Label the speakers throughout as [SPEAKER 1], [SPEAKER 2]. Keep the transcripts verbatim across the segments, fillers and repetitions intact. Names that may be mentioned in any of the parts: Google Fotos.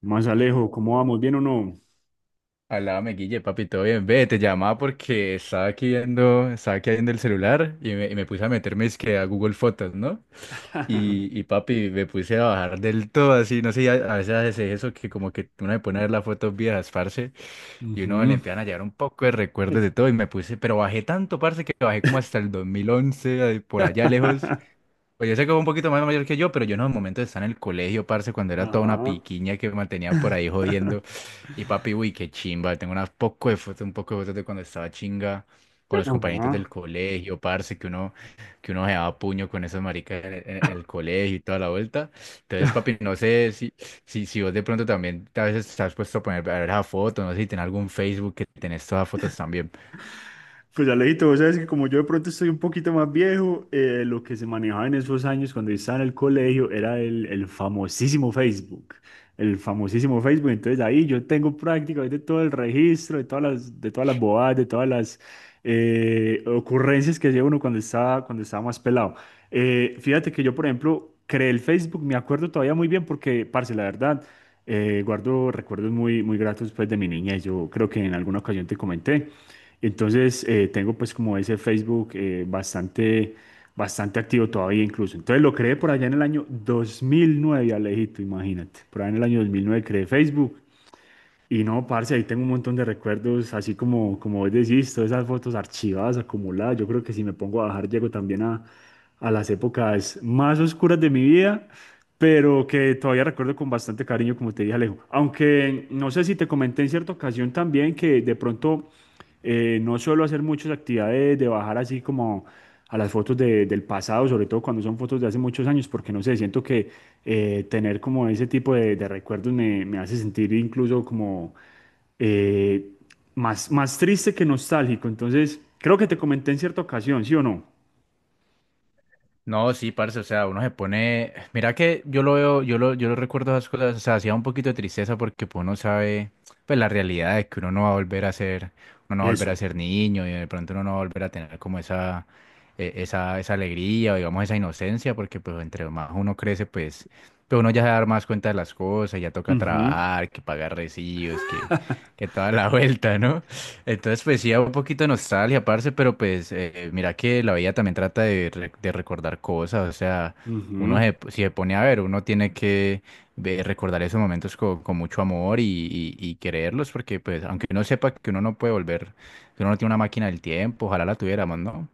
[SPEAKER 1] Más Alejo, ¿cómo vamos? ¿Bien o no?
[SPEAKER 2] Alame, Guille, papi, todo bien. Ve, te llamaba porque estaba aquí viendo, estaba aquí viendo el celular y me, y me puse a meterme es que a Google Fotos, ¿no? Y, y papi, me puse a bajar del todo así, no sé, a, a veces hace eso que como que uno se pone a ver las fotos viejas, parce, y uno le
[SPEAKER 1] Ujú.
[SPEAKER 2] empiezan a llevar un poco de recuerdos de todo y me puse, pero bajé tanto, parce, que bajé como hasta el dos mil once, ahí por allá lejos. Pues yo sé que fue un poquito más mayor que yo, pero yo no, en el momento de estar en el colegio, parce, cuando era toda una
[SPEAKER 1] Ajá.
[SPEAKER 2] piquiña que me mantenía por ahí jodiendo. Y papi, uy, qué chimba. Tengo unas poco de fotos, un poco de fotos de cuando estaba chinga con los compañeritos
[SPEAKER 1] Ajá.
[SPEAKER 2] del colegio, parce, que uno, que uno se daba puño con esos maricas en, en- en el colegio y toda la vuelta. Entonces, papi, no sé si, si, si vos de pronto también a veces te has puesto a poner a ver esa foto, no sé si tenés algún Facebook que tenés todas las fotos también.
[SPEAKER 1] Pues Alejito, vos sabes que como yo de pronto estoy un poquito más viejo, eh, lo que se manejaba en esos años cuando yo estaba en el colegio era el, el famosísimo Facebook. El famosísimo Facebook. Entonces ahí yo tengo prácticamente todo el registro de todas las, de todas las bobadas, de todas las eh, ocurrencias que hacía uno cuando estaba, cuando estaba más pelado. Eh, fíjate que yo, por ejemplo, creé el Facebook, me acuerdo todavía muy bien porque, parce, la verdad. Eh, guardo recuerdos muy, muy gratos pues, de mi niñez. Yo creo que en alguna ocasión te comenté. Entonces eh, tengo pues como ese Facebook eh, bastante, bastante activo todavía incluso. Entonces lo creé por allá en el año dos mil nueve, Alejito, imagínate. Por allá en el año dos mil nueve creé Facebook. Y no, parce, ahí tengo un montón de recuerdos, así como, como vos decís, todas esas fotos archivadas, acumuladas. Yo creo que si me pongo a bajar, llego también a, a las épocas más oscuras de mi vida, pero que todavía recuerdo con bastante cariño, como te dije, Alejo. Aunque no sé si te comenté en cierta ocasión también que de pronto eh, no suelo hacer muchas actividades de bajar así como a las fotos de- del pasado, sobre todo cuando son fotos de hace muchos años, porque no sé, siento que eh, tener como ese tipo de, de recuerdos me, me hace sentir incluso como eh, más, más triste que nostálgico. Entonces, creo que te comenté en cierta ocasión, ¿sí o no?
[SPEAKER 2] No, sí, parce, o sea, uno se pone, mira que yo lo veo, yo lo, yo lo recuerdo esas cosas, o sea, hacía un poquito de tristeza porque pues, uno sabe, pues la realidad de que uno no va a volver a ser, uno no va a volver
[SPEAKER 1] Eso.
[SPEAKER 2] a ser niño y de pronto uno no va a volver a tener como esa, eh, esa, esa alegría o digamos esa inocencia porque pues entre más uno crece pues, pues uno ya se da más cuenta de las cosas, ya toca
[SPEAKER 1] Ujú,
[SPEAKER 2] trabajar, que pagar recibos, que, que toda la vuelta, ¿no? Entonces, pues sí, un poquito de nostalgia, parce, pero pues eh, mira que la vida también trata de, re- de recordar cosas, o sea, uno
[SPEAKER 1] ujú.
[SPEAKER 2] se- si se pone a ver, uno tiene que ve- recordar esos momentos con, con mucho amor y, y, y quererlos, porque pues aunque uno sepa que uno no puede volver, que uno no tiene una máquina del tiempo, ojalá la tuviéramos, ¿no?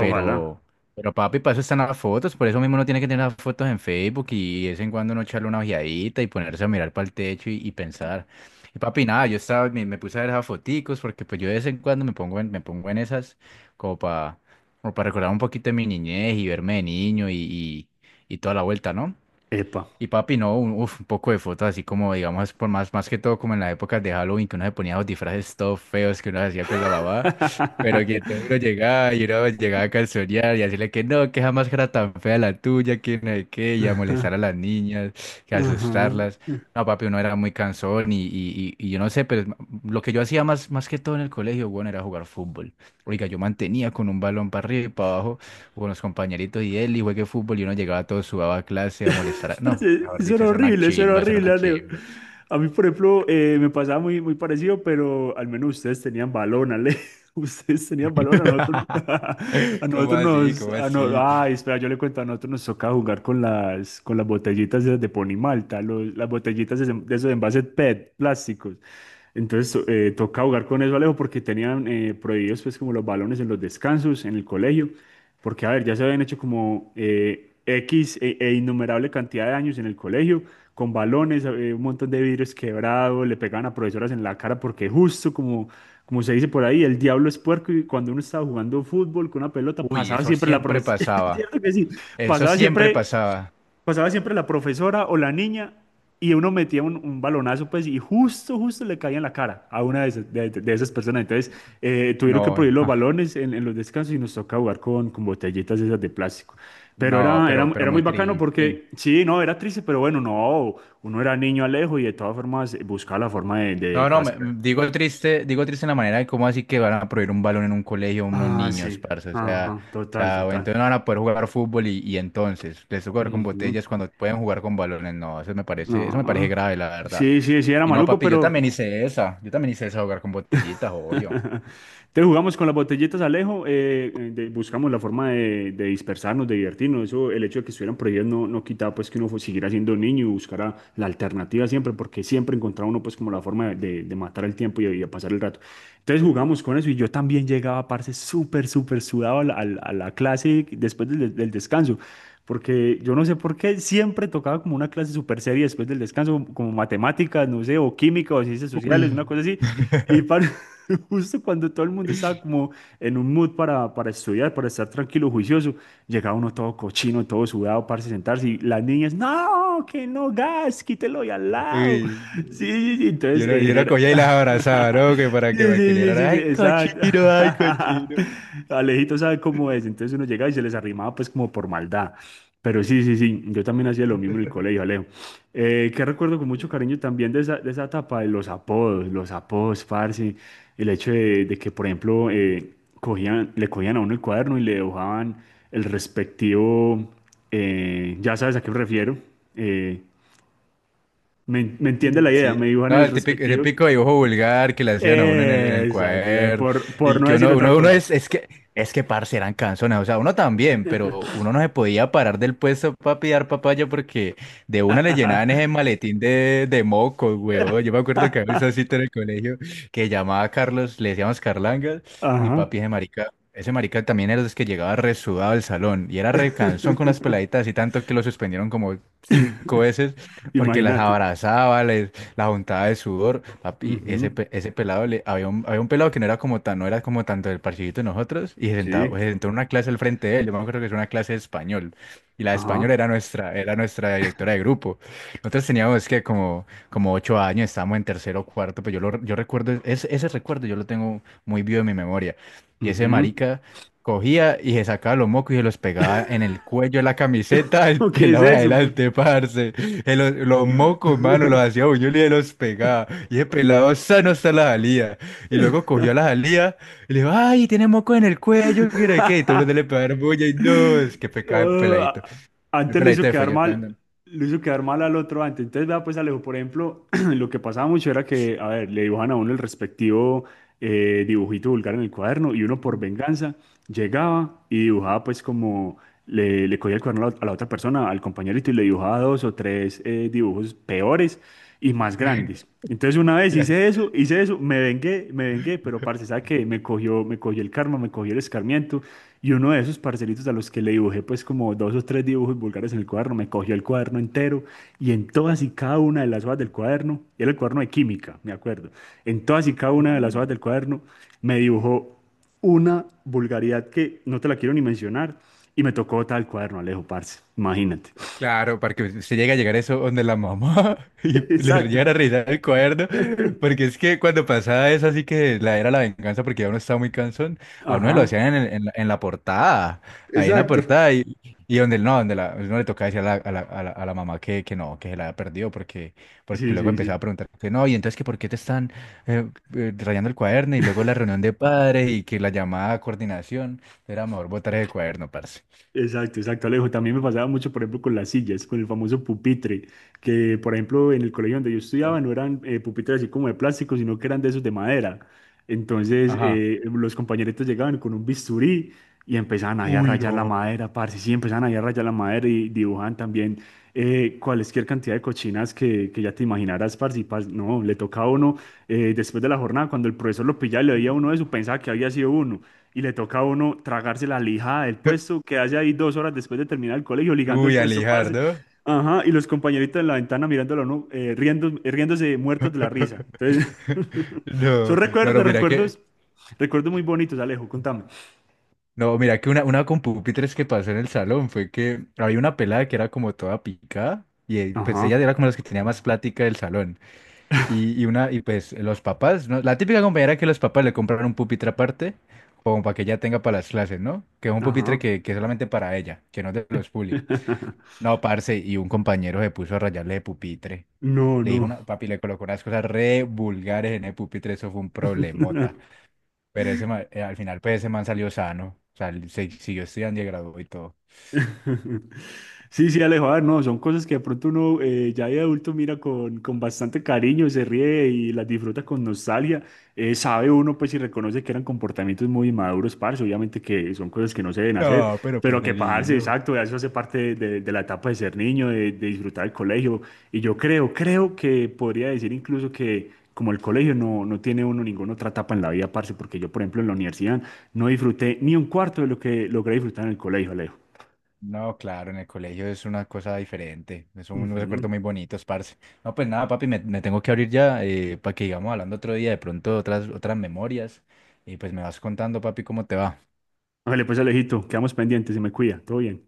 [SPEAKER 1] Ojalá.
[SPEAKER 2] pero papi, para eso están las fotos, por eso mismo uno tiene que tener las fotos en Facebook y, de vez en cuando uno echarle una ojeadita y ponerse a mirar para el techo y y pensar. Y papi, nada, yo estaba, me, me puse a ver esas foticos porque pues yo de vez en cuando me pongo en, me pongo en esas como para como para recordar un poquito de mi niñez y verme de niño y, y, y toda la vuelta, ¿no?
[SPEAKER 1] Epa.
[SPEAKER 2] Y papi, no, un, uf, un poco de fotos así como, digamos, por más, más que todo como en las épocas de Halloween, que uno se ponía los disfraces todos feos que uno hacía con la mamá, pero que todo uno llegaba y uno llegaba a calzonear y decirle que no, que jamás era tan fea la tuya, que no sé qué, y a
[SPEAKER 1] Ajá,
[SPEAKER 2] molestar a las niñas, que
[SPEAKER 1] ajá.
[SPEAKER 2] asustarlas. No, papi, uno era muy cansón y, y, y, y yo no sé, pero es- lo que yo hacía más, más que todo en el colegio, bueno, era jugar fútbol. Oiga, yo mantenía con un balón para arriba y para abajo con los compañeritos y él, y juegue fútbol, y uno llegaba todo sudado a clase a molestar. a- No,
[SPEAKER 1] Aparte,
[SPEAKER 2] mejor
[SPEAKER 1] eso
[SPEAKER 2] dicho,
[SPEAKER 1] era
[SPEAKER 2] hacer una
[SPEAKER 1] horrible, eso era
[SPEAKER 2] chimba, hacer
[SPEAKER 1] horrible,
[SPEAKER 2] una
[SPEAKER 1] Alejo.
[SPEAKER 2] chimba.
[SPEAKER 1] A mí, por ejemplo, eh, me pasaba muy, muy parecido, pero al menos ustedes tenían balón, Ale. Ustedes tenían balón, a nosotros, a
[SPEAKER 2] ¿Cómo
[SPEAKER 1] nosotros
[SPEAKER 2] así?
[SPEAKER 1] nos...
[SPEAKER 2] ¿Cómo
[SPEAKER 1] a no-
[SPEAKER 2] así?
[SPEAKER 1] ay, espera, yo le cuento, a nosotros nos toca jugar con las, con las botellitas esas de Ponimalta, los, las botellitas de, de esos envases P E T, plásticos. Entonces, to- eh, toca jugar con eso, Alejo, porque tenían eh, prohibidos, pues, como los balones en los descansos, en el colegio. Porque, a ver, ya se habían hecho como eh, X e, e innumerable cantidad de años en el colegio, con balones, eh, un montón de vidrios quebrados, le pegaban a profesoras en la cara, porque justo como, como se dice por ahí, el diablo es puerco y cuando uno estaba jugando fútbol con una pelota,
[SPEAKER 2] Uy,
[SPEAKER 1] pasaba
[SPEAKER 2] eso
[SPEAKER 1] siempre la
[SPEAKER 2] siempre
[SPEAKER 1] profesora.
[SPEAKER 2] pasaba. Eso
[SPEAKER 1] pasaba
[SPEAKER 2] siempre
[SPEAKER 1] siempre
[SPEAKER 2] pasaba.
[SPEAKER 1] pasaba siempre la profesora o la niña, y uno metía un, un balonazo, pues, y justo, justo le caía en la cara a una de esas, de, de esas personas. Entonces, eh, tuvieron que
[SPEAKER 2] No,
[SPEAKER 1] prohibir los
[SPEAKER 2] ah,
[SPEAKER 1] balones en, en los descansos y nos toca jugar con, con botellitas esas de plástico. Pero
[SPEAKER 2] no,
[SPEAKER 1] era,
[SPEAKER 2] pero,
[SPEAKER 1] era,
[SPEAKER 2] pero
[SPEAKER 1] era muy
[SPEAKER 2] muy
[SPEAKER 1] bacano
[SPEAKER 2] triste.
[SPEAKER 1] porque, sí, no, era triste, pero bueno, no, uno era niño, Alejo, y de todas formas buscaba la forma de, de
[SPEAKER 2] No, no, me- me-
[SPEAKER 1] pasar.
[SPEAKER 2] digo triste, digo triste en la manera de cómo así que van a prohibir un balón en un colegio a unos
[SPEAKER 1] Ah,
[SPEAKER 2] niños,
[SPEAKER 1] sí,
[SPEAKER 2] parce. O sea,
[SPEAKER 1] ajá,
[SPEAKER 2] o
[SPEAKER 1] total,
[SPEAKER 2] sea, o
[SPEAKER 1] total.
[SPEAKER 2] entonces no van a poder jugar fútbol y, y entonces les toca jugar con
[SPEAKER 1] Ujú.
[SPEAKER 2] botellas cuando pueden jugar con balones. No, eso me parece, eso me parece
[SPEAKER 1] No,
[SPEAKER 2] grave, la verdad.
[SPEAKER 1] sí, sí, sí, era
[SPEAKER 2] Y no,
[SPEAKER 1] maluco,
[SPEAKER 2] papi, yo
[SPEAKER 1] pero...
[SPEAKER 2] también hice esa. Yo también hice esa jugar con botellitas, obvio.
[SPEAKER 1] Entonces jugamos con las botellitas, Alejo, eh, eh, de- buscamos la forma de, de dispersarnos, de divertirnos. Eso, el hecho de que estuvieran prohibidas no, no quitaba pues que uno fu- siguiera siendo niño y buscara la alternativa siempre, porque siempre encontraba uno pues como la forma de, de matar el tiempo y, y de pasar el rato. Entonces jugamos con eso y yo también llegaba, parce, súper, súper sudado a la, a la- a la clase después del, del descanso, porque yo no sé por qué siempre tocaba como una clase súper seria después del descanso, como matemáticas, no sé, o química o ciencias sociales,
[SPEAKER 2] Uy.
[SPEAKER 1] una cosa así. Y para, justo cuando todo el mundo estaba como en un mood para, para estudiar, para estar tranquilo, juicioso, llegaba uno todo cochino, todo sudado, parce, sentarse, y las niñas, no no, que no, gas, quítelo y al lado.
[SPEAKER 2] Uy.
[SPEAKER 1] Sí, sí, sí, entonces
[SPEAKER 2] Yo no,
[SPEAKER 1] eh,
[SPEAKER 2] yo no
[SPEAKER 1] genera...
[SPEAKER 2] cogía y las abrazaba, ¿no? Que para
[SPEAKER 1] Sí,
[SPEAKER 2] que, para que
[SPEAKER 1] sí,
[SPEAKER 2] le
[SPEAKER 1] sí,
[SPEAKER 2] dieran,
[SPEAKER 1] sí, sí,
[SPEAKER 2] ay,
[SPEAKER 1] exacto.
[SPEAKER 2] cochino, ay, cochino.
[SPEAKER 1] Alejito sabe cómo es, entonces uno llega y se les arrimaba pues como por maldad. Pero sí, sí, sí, yo también hacía lo mismo en el colegio, Alejo. Eh, que recuerdo con mucho cariño también de esa, de esa etapa de los apodos, los apodos, parce, el hecho de, de que, por ejemplo, eh, cogían, le cogían a uno el cuaderno y le dibujaban el respectivo. Eh, ya sabes a qué me refiero. Eh, me, me entiende la idea,
[SPEAKER 2] Sí.
[SPEAKER 1] me dibujan
[SPEAKER 2] No,
[SPEAKER 1] el
[SPEAKER 2] el típico, el
[SPEAKER 1] respectivo.
[SPEAKER 2] típico dibujo vulgar que le hacían a uno en el, en
[SPEAKER 1] Eh,
[SPEAKER 2] el
[SPEAKER 1] exacto, ya,
[SPEAKER 2] cuaderno.
[SPEAKER 1] por, por
[SPEAKER 2] Y
[SPEAKER 1] no
[SPEAKER 2] que
[SPEAKER 1] decir
[SPEAKER 2] uno,
[SPEAKER 1] otra
[SPEAKER 2] uno, uno
[SPEAKER 1] cosa.
[SPEAKER 2] es, es que, es que parce eran canzones. O sea, uno también, pero uno no se podía parar del puesto para pillar papaya porque de una le llenaban ese maletín de, de mocos, weón. Yo me acuerdo que había esa cita en el colegio que llamaba a Carlos, le decíamos Carlangas, uy,
[SPEAKER 1] Ajá.
[SPEAKER 2] papi, ese marica. Ese marica también era de los que llegaba resudado al salón y era re cansón con las peladitas y tanto que lo suspendieron como cinco veces porque las
[SPEAKER 1] Imagínate.
[SPEAKER 2] abrazaba, les, la juntaba de sudor. Papi, ese,
[SPEAKER 1] Ujú.
[SPEAKER 2] pe- ese pelado, le, había un, había un pelado que no era como tan, no era como tanto del parchidito de nosotros, y se sentaba,
[SPEAKER 1] Sí.
[SPEAKER 2] se sentó en una clase al frente de él. Yo me acuerdo que es una clase de español, y la de español
[SPEAKER 1] Ajá.
[SPEAKER 2] era nuestra, era nuestra directora de grupo. Nosotros teníamos que como, como ocho años, estábamos en tercero o cuarto, pero yo, lo, yo recuerdo, ese, ese recuerdo yo lo tengo muy vivo en mi memoria. Y ese
[SPEAKER 1] Ujú.
[SPEAKER 2] marica cogía y se sacaba los mocos y se los pegaba en el cuello de la camiseta del
[SPEAKER 1] ¿O ¿Qué es
[SPEAKER 2] pelado de
[SPEAKER 1] eso?
[SPEAKER 2] adelante, parce. Eh, Los, los mocos, mano, los
[SPEAKER 1] pues?
[SPEAKER 2] hacía buñuelos y los pegaba. Y ese pelado sano está la jalía. Y luego cogió a la jalía y le dijo, ay, tiene moco en el cuello, ¿qué era qué? Y todo el mundo le pegaron bulla y no, es que pecado el peladito.
[SPEAKER 1] Ah,
[SPEAKER 2] El
[SPEAKER 1] antes lo hizo
[SPEAKER 2] peladito se fue
[SPEAKER 1] quedar mal,
[SPEAKER 2] llorando.
[SPEAKER 1] lo hizo quedar mal al otro antes. Entonces, vea, pues Alejo, por ejemplo, lo que pasaba mucho era que, a ver, le dibujan a uno el respectivo eh, dibujito vulgar en el cuaderno, y uno por venganza llegaba y dibujaba pues como le, le cogía el cuaderno a la, a la otra persona, al compañerito, y le dibujaba dos o tres eh, dibujos peores y más grandes. Entonces una vez
[SPEAKER 2] Y así.
[SPEAKER 1] hice eso, hice eso, me vengué, me vengué, pero parce, ¿sabe qué? Me cogió, me cogió el karma, me cogió el escarmiento, y uno de esos parcelitos a los que le dibujé pues como dos o tres dibujos vulgares en el cuaderno, me cogió el cuaderno entero, y en todas y cada una de las hojas del cuaderno, y era el cuaderno de química, me acuerdo, en todas y cada una de las hojas del cuaderno me dibujó una vulgaridad que no te la quiero ni mencionar. Y me tocó tal cuaderno, Alejo, parce. Imagínate.
[SPEAKER 2] Claro, para que se llegue a llegar eso donde la mamá y le
[SPEAKER 1] Exacto.
[SPEAKER 2] llegan a revisar el cuaderno, porque es que cuando pasaba eso así que la era la venganza porque ya uno estaba muy cansón, a uno se lo
[SPEAKER 1] Ajá.
[SPEAKER 2] hacían en, el- en la, en la portada, ahí en la
[SPEAKER 1] Exacto.
[SPEAKER 2] portada y, y donde no, donde la, uno le tocaba decir a la, a la, a la- a la mamá que, que no, que se la había perdido porque, porque
[SPEAKER 1] Sí,
[SPEAKER 2] luego
[SPEAKER 1] sí,
[SPEAKER 2] empezaba a
[SPEAKER 1] sí.
[SPEAKER 2] preguntar que no, y entonces que por qué te están eh, eh, rayando el cuaderno y luego la reunión de padres y que la llamada a coordinación era mejor botar el cuaderno, parce.
[SPEAKER 1] Exacto, exacto, Alejo. También me pasaba mucho, por ejemplo, con las sillas, con el famoso pupitre, que, por ejemplo, en el colegio donde yo estudiaba
[SPEAKER 2] Sí.
[SPEAKER 1] no eran eh, pupitres así como de plástico, sino que eran de esos de madera. Entonces,
[SPEAKER 2] Ajá.
[SPEAKER 1] eh, los compañeritos llegaban con un bisturí y empezaban ahí a
[SPEAKER 2] Uy,
[SPEAKER 1] rayar la
[SPEAKER 2] no.
[SPEAKER 1] madera, parce, sí, empezaban ahí a rayar la madera y dibujaban también eh, cualquier cantidad de cochinas que, que, ya te imaginaras, parce, y parce, no, le tocaba a uno, eh, después de la jornada, cuando el profesor lo pillaba y le veía a uno de eso, pensaba que había sido uno, y le toca a uno tragarse la lijada del puesto, quedarse ahí dos horas después de terminar el colegio, ligando el
[SPEAKER 2] Uy,
[SPEAKER 1] puesto, parce.
[SPEAKER 2] Alijardo.
[SPEAKER 1] Ajá, y los compañeritos en la ventana mirándolo, ¿no? Eh, riendo, eh, riéndose muertos de la risa. Entonces, son
[SPEAKER 2] No, no, no,
[SPEAKER 1] recuerdos,
[SPEAKER 2] mira que,
[SPEAKER 1] recuerdos, recuerdos muy bonitos, Alejo, contame.
[SPEAKER 2] no, mira que una, una con pupitres que pasó en el salón fue que había una pelada que era como toda picada y eh, pues ella
[SPEAKER 1] Ajá,
[SPEAKER 2] era como las que tenía más plática del salón. Y, y una, y pues los papás, ¿no? La típica compañera que los papás le compraron un pupitre aparte, como para que ella tenga para las clases, ¿no? Que es un pupitre
[SPEAKER 1] ajá.
[SPEAKER 2] que, que es solamente para ella, que no es de los públicos. No, parce, y un compañero se puso a rayarle de pupitre.
[SPEAKER 1] No,
[SPEAKER 2] Le dijo
[SPEAKER 1] no.
[SPEAKER 2] una, papi, le colocó unas cosas re vulgares en el pupitre, eso fue un problemota. Pero ese ma- eh, al final, pues ese man salió sano. O sea, él se siguió estudiando y se graduó y todo.
[SPEAKER 1] Sí, sí, Alejo, a ver, no, son cosas que de pronto uno eh, ya de adulto mira con, con bastante cariño, se ríe y las disfruta con nostalgia. Eh, sabe uno, pues, y reconoce que eran comportamientos muy inmaduros, parce, obviamente que son cosas que no se deben hacer,
[SPEAKER 2] No, pero pues
[SPEAKER 1] pero
[SPEAKER 2] de
[SPEAKER 1] que, parce,
[SPEAKER 2] niño.
[SPEAKER 1] exacto, eso hace parte de, de la etapa de ser niño, de, de disfrutar el colegio. Y yo creo, creo que podría decir incluso que como el colegio no, no tiene uno ninguna otra etapa en la vida, parce, porque yo, por ejemplo, en la universidad no disfruté ni un cuarto de lo que logré disfrutar en el colegio, Alejo.
[SPEAKER 2] No, claro, en el colegio es una cosa diferente. Son unos recuerdos
[SPEAKER 1] Ujú.
[SPEAKER 2] muy bonitos, parce. No, pues nada, papi, me, me tengo que abrir ya eh, para que sigamos hablando otro día, de pronto otras, otras memorias. Y pues me vas contando, papi, cómo te va.
[SPEAKER 1] Vale, pues Alejito, quedamos pendientes y me cuida. Todo bien.